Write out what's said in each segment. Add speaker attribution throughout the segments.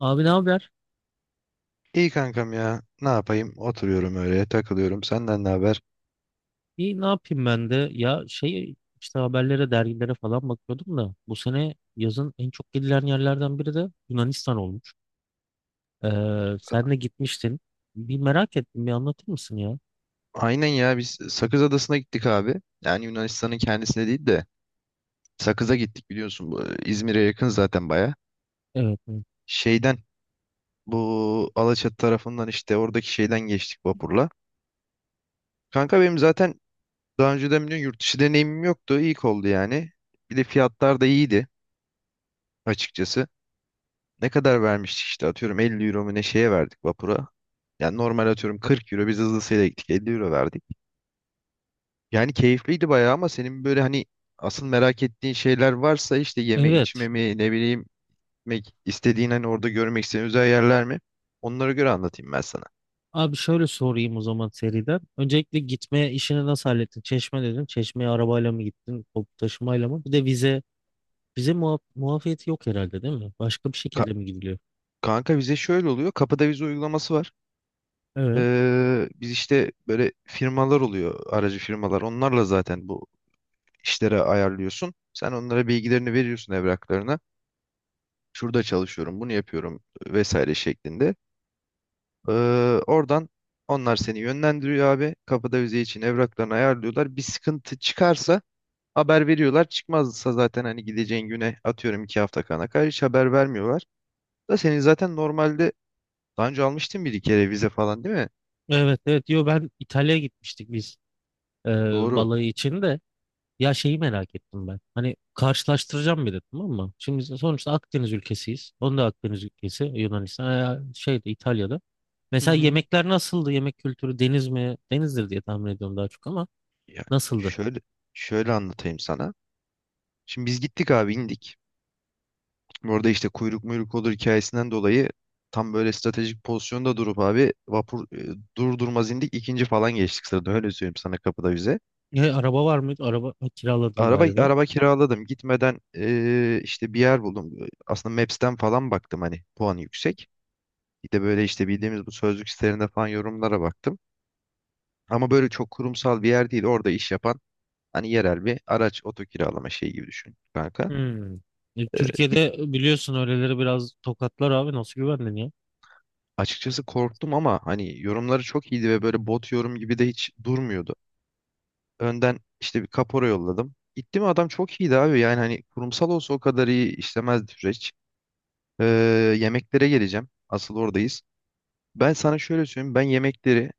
Speaker 1: Abi ne haber?
Speaker 2: İyi kankam ya. Ne yapayım? Oturuyorum öyle, takılıyorum. Senden ne haber?
Speaker 1: İyi ne yapayım ben de? Ya şey işte haberlere, dergilere falan bakıyordum da bu sene yazın en çok gidilen yerlerden biri de Yunanistan olmuş. Sen de gitmiştin. Bir merak ettim, bir anlatır mısın ya?
Speaker 2: Aynen ya biz Sakız Adası'na gittik abi. Yani Yunanistan'ın kendisine değil de Sakız'a gittik biliyorsun. Bu İzmir'e yakın zaten baya.
Speaker 1: Evet. Evet.
Speaker 2: Şeyden bu Alaçatı tarafından işte oradaki şeyden geçtik vapurla. Kanka benim zaten daha önceden biliyorsun yurt dışı deneyimim yoktu. İlk oldu yani. Bir de fiyatlar da iyiydi açıkçası. Ne kadar vermiştik işte atıyorum 50 euro mu ne şeye verdik vapura. Yani normal atıyorum 40 euro biz hızlısıyla gittik 50 euro verdik. Yani keyifliydi bayağı ama senin böyle hani asıl merak ettiğin şeyler varsa işte yeme
Speaker 1: Evet.
Speaker 2: içme mi ne bileyim istediğin hani orada görmek istediğin özel yerler mi? Onlara göre anlatayım ben sana.
Speaker 1: Abi şöyle sorayım o zaman seriden. Öncelikle gitme işini nasıl hallettin? Çeşme dedin. Çeşmeye arabayla mı gittin? Toplu taşımayla mı? Bir de vize. Vize muafiyeti yok herhalde değil mi? Başka bir
Speaker 2: Ka-
Speaker 1: şekilde mi gidiliyor?
Speaker 2: kanka vize şöyle oluyor. Kapıda vize uygulaması var.
Speaker 1: Evet.
Speaker 2: Biz işte böyle firmalar oluyor aracı firmalar. Onlarla zaten bu işlere ayarlıyorsun. Sen onlara bilgilerini veriyorsun evraklarına. Şurada çalışıyorum, bunu yapıyorum vesaire şeklinde. Ee, oradan onlar seni yönlendiriyor abi. Kapıda vize için evraklarını ayarlıyorlar. Bir sıkıntı çıkarsa haber veriyorlar. Çıkmazsa zaten hani gideceğin güne atıyorum 2 hafta kana kadar hiç haber vermiyorlar. Da senin zaten normalde daha önce almıştın bir iki kere vize falan değil mi?
Speaker 1: Evet evet diyor ben İtalya'ya gitmiştik biz. e,
Speaker 2: Doğru.
Speaker 1: Balığı için de ya şeyi merak ettim ben. Hani karşılaştıracağım bir de tamam mı? Şimdi sonuçta Akdeniz ülkesiyiz. Onun da Akdeniz ülkesi Yunanistan ya şeyde İtalya'da.
Speaker 2: Hı
Speaker 1: Mesela
Speaker 2: hı.
Speaker 1: yemekler nasıldı? Yemek kültürü deniz mi? Denizdir diye tahmin ediyorum daha çok ama
Speaker 2: Ya
Speaker 1: nasıldı?
Speaker 2: şöyle şöyle anlatayım sana. Şimdi biz gittik abi indik. Orada işte kuyruk muyruk olur hikayesinden dolayı tam böyle stratejik pozisyonda durup abi vapur dur durmaz indik ikinci falan geçtik sırada öyle söyleyeyim sana kapıda vize.
Speaker 1: E, araba var mıydı? Araba kiraladın
Speaker 2: Araba
Speaker 1: galiba.
Speaker 2: araba kiraladım. Gitmeden işte bir yer buldum. Aslında Maps'ten falan baktım hani puanı yüksek. Bir de böyle işte bildiğimiz bu sözlük sitelerinde falan yorumlara baktım. Ama böyle çok kurumsal bir yer değil. Orada iş yapan hani yerel bir araç oto kiralama şeyi gibi düşün kanka.
Speaker 1: Hmm. E,
Speaker 2: Git
Speaker 1: Türkiye'de biliyorsun öyleleri biraz tokatlar abi nasıl güvendin ya?
Speaker 2: açıkçası korktum ama hani yorumları çok iyiydi ve böyle bot yorum gibi de hiç durmuyordu. Önden işte bir kapora yolladım. Gitti mi adam çok iyiydi abi. Yani hani kurumsal olsa o kadar iyi işlemezdi süreç. Eee, yemeklere geleceğim. Asıl oradayız. Ben sana şöyle söyleyeyim. Ben yemekleri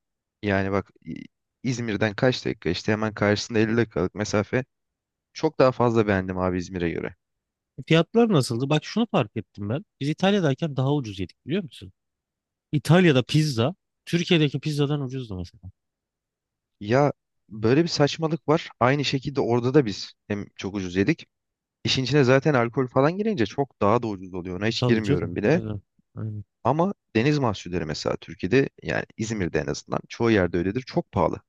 Speaker 2: yani bak İzmir'den kaç dakika işte hemen karşısında 50 dakikalık mesafe çok daha fazla beğendim abi İzmir'e göre.
Speaker 1: E, fiyatlar nasıldı? Bak şunu fark ettim ben. Biz İtalya'dayken daha ucuz yedik biliyor musun? İtalya'da pizza Türkiye'deki pizzadan ucuzdu mesela.
Speaker 2: Ya böyle bir saçmalık var. Aynı şekilde orada da biz hem çok ucuz yedik. İşin içine zaten alkol falan girince çok daha da ucuz oluyor. Ona hiç
Speaker 1: Tabii
Speaker 2: girmiyorum
Speaker 1: canım.
Speaker 2: bile.
Speaker 1: Aynen. Aynen.
Speaker 2: Ama deniz mahsulleri mesela Türkiye'de yani İzmir'de en azından çoğu yerde öyledir. Çok pahalı.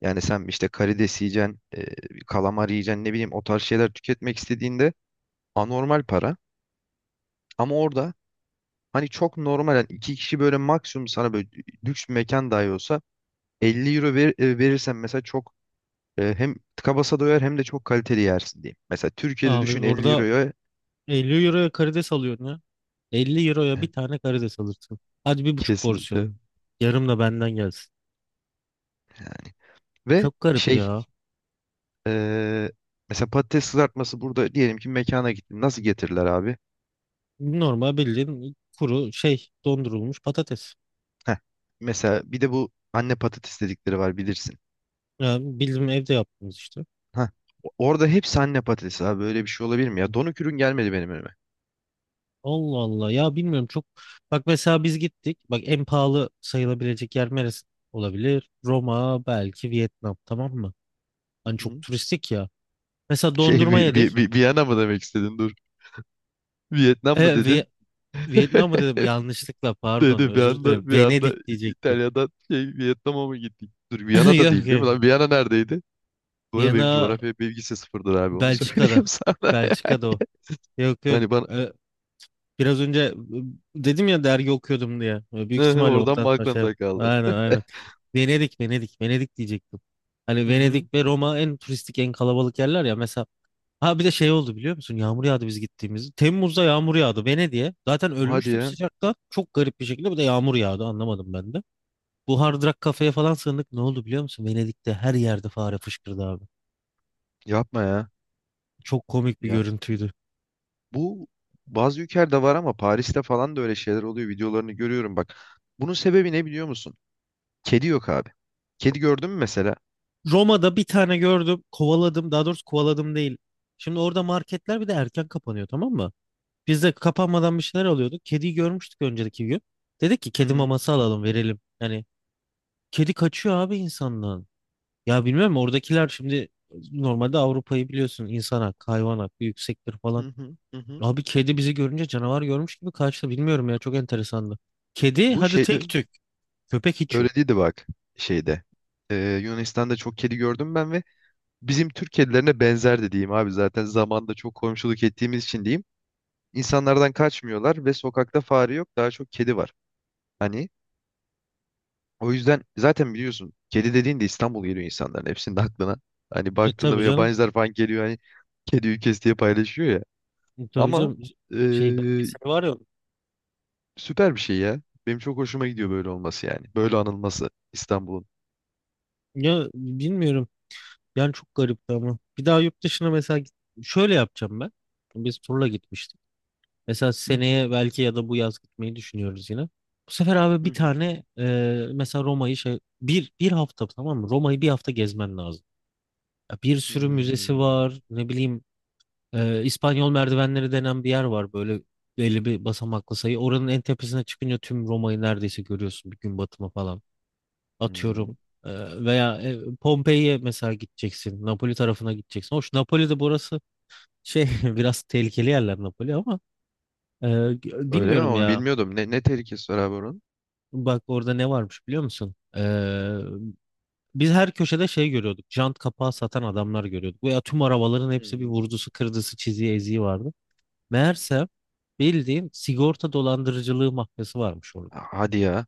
Speaker 2: Yani sen işte karides yiyeceksin, kalamar yiyeceksin ne bileyim o tarz şeyler tüketmek istediğinde anormal para. Ama orada hani çok normal yani iki kişi böyle maksimum sana böyle lüks bir mekan dahi olsa 50 euro ver, verirsen mesela çok hem tıka basa doyar hem de çok kaliteli yersin diyeyim. Mesela Türkiye'de
Speaker 1: Abi
Speaker 2: düşün 50
Speaker 1: burada
Speaker 2: euroya
Speaker 1: 50 euroya karides alıyorsun ya. 50 euroya bir
Speaker 2: e,
Speaker 1: tane karides alırsın. Hadi bir buçuk porsiyon.
Speaker 2: kesinlikle
Speaker 1: Yarım da benden gelsin.
Speaker 2: yani. Ve
Speaker 1: Çok garip ya.
Speaker 2: e, mesela patates kızartması burada diyelim ki mekana gittin nasıl getirirler abi?
Speaker 1: Normal bildiğin kuru şey dondurulmuş patates.
Speaker 2: Heh, mesela bir de bu anne patates dedikleri var bilirsin.
Speaker 1: Yani bildiğim evde yaptığımız işte.
Speaker 2: Heh, orada hepsi anne patatesi abi böyle bir şey olabilir mi ya? Donuk ürün gelmedi benim önüme.
Speaker 1: Allah Allah ya bilmiyorum çok. Bak mesela biz gittik. Bak en pahalı sayılabilecek yer neresi olabilir? Roma belki Vietnam tamam mı?
Speaker 2: Hı
Speaker 1: Hani çok
Speaker 2: hı.
Speaker 1: turistik ya. Mesela
Speaker 2: Şey
Speaker 1: dondurma
Speaker 2: bir, bir,
Speaker 1: yedik.
Speaker 2: bir, bir mı demek istedin? Vietnam mı
Speaker 1: E, Vi-
Speaker 2: dedin?
Speaker 1: Vietnam mı dedim yanlışlıkla pardon
Speaker 2: Dedi bir
Speaker 1: özür dilerim.
Speaker 2: anda bir anda
Speaker 1: Venedik diyecektim.
Speaker 2: İtalya'dan şey Vietnam'a mı gittik? Dur Viyana da
Speaker 1: Yok
Speaker 2: değil değil mi
Speaker 1: yok.
Speaker 2: lan? Viyana neredeydi? Bu arada benim
Speaker 1: Viyana
Speaker 2: coğrafya bilgisi sıfırdır abi onu
Speaker 1: Belçika'da.
Speaker 2: söyleyeyim sana, ya.
Speaker 1: Belçika'da o. Yok yok.
Speaker 2: Hani bana
Speaker 1: E, Biraz önce dedim ya dergi okuyordum diye. E, büyük ihtimalle
Speaker 2: oradan mı
Speaker 1: oradan şey.
Speaker 2: aklında kaldı?
Speaker 1: Aynen aynen. Venedik, Venedik, Venedik diyecektim. Hani
Speaker 2: Hı hı.
Speaker 1: Venedik ve Roma en turistik, en kalabalık yerler ya. Mesela ha bir de şey oldu biliyor musun? Yağmur yağdı biz gittiğimiz. Temmuz'da yağmur yağdı Venedik'e. Zaten
Speaker 2: Hadi
Speaker 1: ölmüştük
Speaker 2: ya.
Speaker 1: sıcakta. Çok garip bir şekilde bir de yağmur yağdı anlamadım ben de. Bu Hard Rock kafeye falan sığındık. Ne oldu biliyor musun? Venedik'te her yerde fare fışkırdı abi.
Speaker 2: Yapma ya.
Speaker 1: Çok komik bir
Speaker 2: Ya
Speaker 1: görüntüydü.
Speaker 2: bu bazı ülkelerde var ama Paris'te falan da öyle şeyler oluyor. Videolarını görüyorum bak. Bunun sebebi ne biliyor musun? Kedi yok abi. Kedi gördün mü mesela?
Speaker 1: Roma'da bir tane gördüm. Kovaladım. Daha doğrusu kovaladım değil. Şimdi orada marketler bir de erken kapanıyor tamam mı? Biz de kapanmadan bir şeyler alıyorduk. Kediyi görmüştük önceki gün. Dedik ki
Speaker 2: Hı
Speaker 1: kedi
Speaker 2: hı.
Speaker 1: maması alalım verelim. Yani kedi kaçıyor abi insandan. Ya bilmiyorum oradakiler şimdi normalde Avrupa'yı biliyorsun insan hakkı, hayvan hakkı yüksektir falan.
Speaker 2: Hı hı. Hı hı.
Speaker 1: Abi kedi bizi görünce canavar görmüş gibi kaçtı. Bilmiyorum ya çok enteresandı. Kedi
Speaker 2: Bu
Speaker 1: hadi
Speaker 2: şeyde
Speaker 1: tek tük. Köpek hiç
Speaker 2: Öyle
Speaker 1: yok.
Speaker 2: değildi bak şeyde. Yunanistan'da çok kedi gördüm ben ve bizim Türk kedilerine benzer de diyeyim abi zaten zamanda çok komşuluk ettiğimiz için diyeyim. İnsanlardan kaçmıyorlar ve sokakta fare yok daha çok kedi var. Hani o yüzden zaten biliyorsun kedi dediğinde İstanbul geliyor insanların hepsinin aklına. Hani
Speaker 1: E
Speaker 2: baktığında
Speaker 1: tabii
Speaker 2: böyle
Speaker 1: canım.
Speaker 2: yabancılar falan geliyor hani kedi ülkesi diye paylaşıyor ya.
Speaker 1: E, tabii
Speaker 2: Ama
Speaker 1: canım. Şey
Speaker 2: ee,
Speaker 1: belgeseli var ya.
Speaker 2: süper bir şey ya. Benim çok hoşuma gidiyor böyle olması yani. Böyle anılması İstanbul'un.
Speaker 1: Ya bilmiyorum. Yani çok garipti ama. Bir daha yurt dışına mesela git- Şöyle yapacağım ben. Biz turla gitmiştik. Mesela
Speaker 2: Hı hı,
Speaker 1: seneye belki ya da bu yaz gitmeyi düşünüyoruz yine. Bu sefer abi
Speaker 2: hı
Speaker 1: bir
Speaker 2: hı.
Speaker 1: tane mesela Roma'yı şey bir hafta tamam mı? Roma'yı bir hafta gezmen lazım. Ya bir sürü müzesi
Speaker 2: Hmm,
Speaker 1: var. Ne bileyim İspanyol merdivenleri denen bir yer var böyle belli bir basamaklı sayı. Oranın en tepesine çıkınca tüm Roma'yı neredeyse görüyorsun bir gün batımı falan
Speaker 2: hmm.
Speaker 1: atıyorum. Veya Pompei'ye mesela gideceksin. Napoli tarafına gideceksin. Hoş Napoli'de burası şey biraz tehlikeli yerler Napoli ama e,
Speaker 2: Öyle mi?
Speaker 1: bilmiyorum
Speaker 2: Onu
Speaker 1: ya.
Speaker 2: bilmiyordum. Ne, ne tehlikesi var abi onun?
Speaker 1: Bak orada ne varmış biliyor musun? Biz her köşede şey görüyorduk. Jant kapağı satan adamlar görüyorduk. Veya tüm arabaların hepsi bir
Speaker 2: Hmm.
Speaker 1: vurdusu, kırdısı, çiziği, eziği vardı. Meğerse bildiğin sigorta dolandırıcılığı mafyası varmış orada.
Speaker 2: Hadi ya.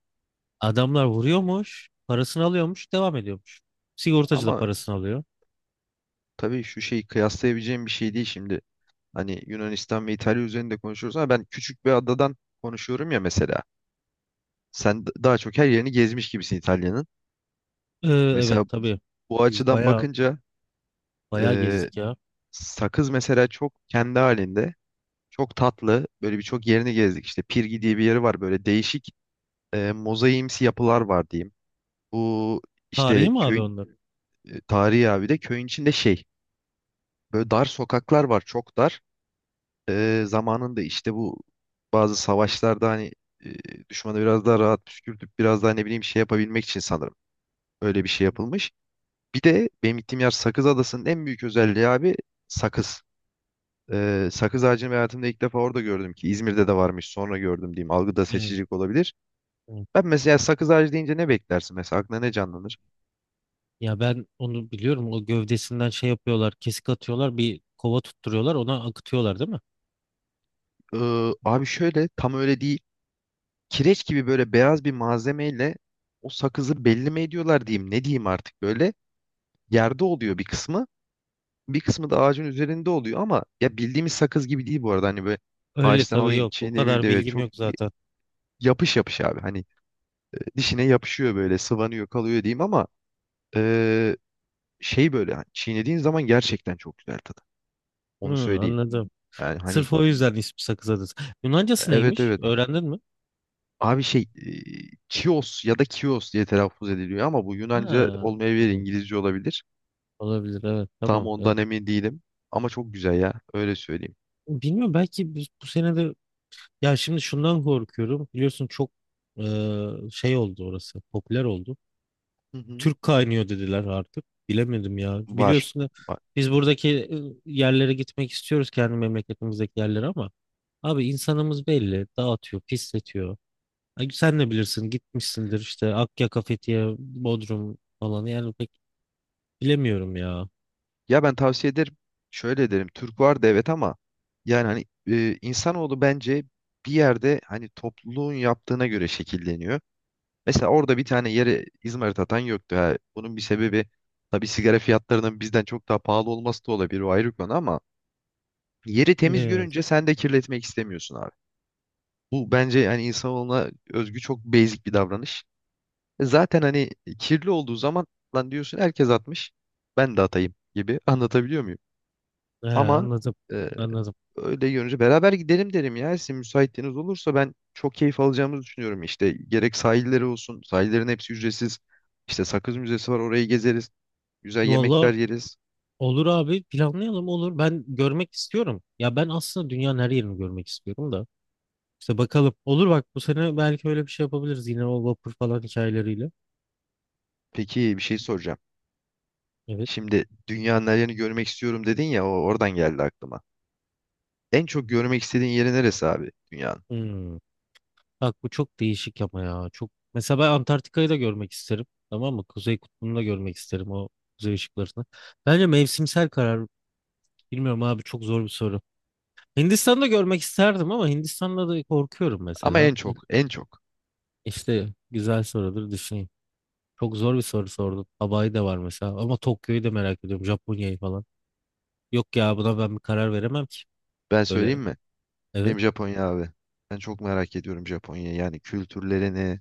Speaker 1: Adamlar vuruyormuş, parasını alıyormuş, devam ediyormuş. Sigortacı da
Speaker 2: Ama
Speaker 1: parasını alıyor.
Speaker 2: tabii şu şeyi kıyaslayabileceğim bir şey değil şimdi. Hani Yunanistan ve İtalya üzerinde konuşuyoruz ama ben küçük bir adadan konuşuyorum ya mesela. Sen daha çok her yerini gezmiş gibisin İtalya'nın.
Speaker 1: Evet
Speaker 2: Mesela
Speaker 1: tabii.
Speaker 2: bu
Speaker 1: Biz
Speaker 2: açıdan
Speaker 1: bayağı
Speaker 2: bakınca
Speaker 1: bayağı
Speaker 2: e,
Speaker 1: gezdik ya.
Speaker 2: sakız mesela çok kendi halinde. Çok tatlı. Böyle birçok yerini gezdik. İşte Pirgi diye bir yeri var. Böyle değişik mozaiimsi yapılar var diyeyim. Bu
Speaker 1: Tarihi
Speaker 2: işte
Speaker 1: mi abi
Speaker 2: köyün
Speaker 1: onlar?
Speaker 2: tarihi abi de köyün içinde şey. Böyle dar sokaklar var, çok dar. Zamanında işte bu bazı savaşlarda hani düşmanı biraz daha rahat püskürtüp biraz daha ne bileyim şey yapabilmek için sanırım öyle bir şey yapılmış. Bir de benim gittiğim yer Sakız Adası'nın en büyük özelliği abi sakız. Sakız ağacını ben hayatımda ilk defa orada gördüm ki İzmir'de de varmış sonra gördüm diyeyim. Algıda
Speaker 1: Evet,
Speaker 2: seçicilik olabilir.
Speaker 1: evet.
Speaker 2: Ben mesela sakız ağacı deyince ne beklersin mesela aklına ne canlanır?
Speaker 1: Ya ben onu biliyorum. O gövdesinden şey yapıyorlar. Kesik atıyorlar. Bir kova tutturuyorlar. Ona akıtıyorlar değil mi?
Speaker 2: Abi şöyle tam öyle değil. Kireç gibi böyle beyaz bir malzemeyle o sakızı belli mi ediyorlar diyeyim ne diyeyim artık böyle yerde oluyor bir kısmı bir kısmı da ağacın üzerinde oluyor ama ya bildiğimiz sakız gibi değil bu arada hani böyle
Speaker 1: Öyle
Speaker 2: ağaçtan
Speaker 1: tabii
Speaker 2: alayım
Speaker 1: yok. O
Speaker 2: çiğneyim bir
Speaker 1: kadar
Speaker 2: de böyle
Speaker 1: bilgim
Speaker 2: çok
Speaker 1: yok zaten.
Speaker 2: yapış yapış abi hani dişine yapışıyor böyle sıvanıyor kalıyor diyeyim ama eee, şey böyle hani çiğnediğin zaman gerçekten çok güzel tadı
Speaker 1: Hı,
Speaker 2: onu söyleyeyim
Speaker 1: anladım.
Speaker 2: yani hani
Speaker 1: Sırf o yüzden ismi Sakız Adası. Yunancası
Speaker 2: evet
Speaker 1: neymiş?
Speaker 2: evet.
Speaker 1: Öğrendin mi?
Speaker 2: Abi Chios ya da Kios diye telaffuz ediliyor ama bu Yunanca
Speaker 1: Ha,
Speaker 2: olmayabilir,
Speaker 1: tamam.
Speaker 2: İngilizce olabilir.
Speaker 1: Olabilir evet
Speaker 2: Tam
Speaker 1: tamam. Evet.
Speaker 2: ondan emin değilim. Ama çok güzel ya. Öyle söyleyeyim.
Speaker 1: Bilmiyorum belki biz bu sene de ya şimdi şundan korkuyorum. Biliyorsun çok e, şey oldu orası. Popüler oldu.
Speaker 2: Hı hı.
Speaker 1: Türk kaynıyor dediler artık. Bilemedim ya.
Speaker 2: Var.
Speaker 1: Biliyorsun da
Speaker 2: Var.
Speaker 1: biz buradaki yerlere gitmek istiyoruz kendi memleketimizdeki yerlere ama abi insanımız belli. Dağıtıyor, pisletiyor. Ay, sen de bilirsin gitmişsindir işte Akyaka, Fethiye, Bodrum falan yani pek bilemiyorum ya.
Speaker 2: Ya ben tavsiye ederim. Şöyle derim Türk vardı evet ama yani hani insanoğlu bence bir yerde hani topluluğun yaptığına göre şekilleniyor. Mesela orada bir tane yere İzmarit atan yoktu. Ha, bunun bir sebebi tabii sigara fiyatlarının bizden çok daha pahalı olması da olabilir. O ayrı konu ama yeri temiz
Speaker 1: Evet,
Speaker 2: görünce sen de kirletmek istemiyorsun abi. Bu bence hani insanoğluna özgü çok basic bir davranış. Zaten hani kirli olduğu zaman lan diyorsun herkes atmış. Ben de atayım gibi anlatabiliyor muyum?
Speaker 1: he,
Speaker 2: Ama
Speaker 1: anladım.
Speaker 2: e,
Speaker 1: Anladım.
Speaker 2: öyle görünce beraber gidelim derim ya. Sizin müsaitliğiniz olursa ben çok keyif alacağımızı düşünüyorum. İşte gerek sahilleri olsun. Sahillerin hepsi ücretsiz. İşte Sakız Müzesi var orayı gezeriz. Güzel
Speaker 1: Valla
Speaker 2: yemekler yeriz.
Speaker 1: olur abi planlayalım olur. Ben görmek istiyorum. Ya ben aslında dünyanın her yerini görmek istiyorum da. İşte bakalım. Olur bak bu sene belki öyle bir şey yapabiliriz. Yine o vapur falan hikayeleriyle.
Speaker 2: Peki bir şey soracağım.
Speaker 1: Evet.
Speaker 2: Şimdi dünyanın her yerini görmek istiyorum dedin ya o oradan geldi aklıma. En çok görmek istediğin yeri neresi abi dünyanın?
Speaker 1: Hmm. Bak bu çok değişik ama ya. Çok... Mesela ben Antarktika'yı da görmek isterim. Tamam mı? Kuzey Kutbu'nu da görmek isterim o kuzey ışıklarını. Bence mevsimsel karar. Bilmiyorum abi çok zor bir soru. Hindistan'da görmek isterdim ama Hindistan'da da korkuyorum
Speaker 2: Ama
Speaker 1: mesela.
Speaker 2: en çok en çok.
Speaker 1: İşte güzel sorudur düşüneyim. Çok zor bir soru sordun. Hawaii'de var mesela. Ama Tokyo'yu da merak ediyorum. Japonya'yı falan. Yok ya buna ben bir karar veremem ki.
Speaker 2: Ben söyleyeyim
Speaker 1: Öyle.
Speaker 2: mi?
Speaker 1: Evet.
Speaker 2: Benim Japonya abi. Ben çok merak ediyorum Japonya'yı. Yani kültürlerini,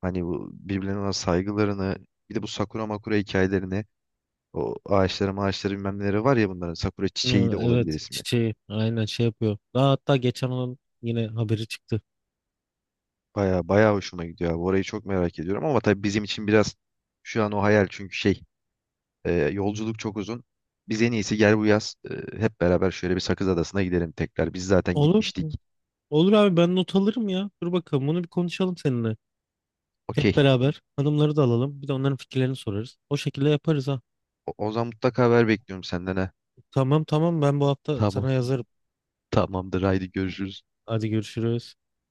Speaker 2: hani bu birbirlerine olan saygılarını, bir de bu sakura makura hikayelerini, o ağaçları bilmem neleri var ya bunların sakura
Speaker 1: Ee,
Speaker 2: çiçeği de olabilir
Speaker 1: Evet.
Speaker 2: ismi.
Speaker 1: Çiçeği. Aynen şey yapıyor. Daha hatta geçen onun yine haberi çıktı.
Speaker 2: Baya baya hoşuma gidiyor abi. Orayı çok merak ediyorum ama tabii bizim için biraz şu an o hayal çünkü şey yolculuk çok uzun. Biz en iyisi gel bu yaz hep beraber şöyle bir Sakız Adası'na gidelim tekrar. Biz zaten
Speaker 1: Olur.
Speaker 2: gitmiştik.
Speaker 1: Olur abi ben not alırım ya. Dur bakalım bunu bir konuşalım seninle. Hep
Speaker 2: Okey.
Speaker 1: beraber hanımları da alalım. Bir de onların fikirlerini sorarız. O şekilde yaparız ha.
Speaker 2: O zaman mutlaka haber bekliyorum senden ha.
Speaker 1: Tamam tamam ben bu hafta
Speaker 2: Tamam.
Speaker 1: sana yazarım.
Speaker 2: Tamamdır. Haydi görüşürüz.
Speaker 1: Hadi görüşürüz.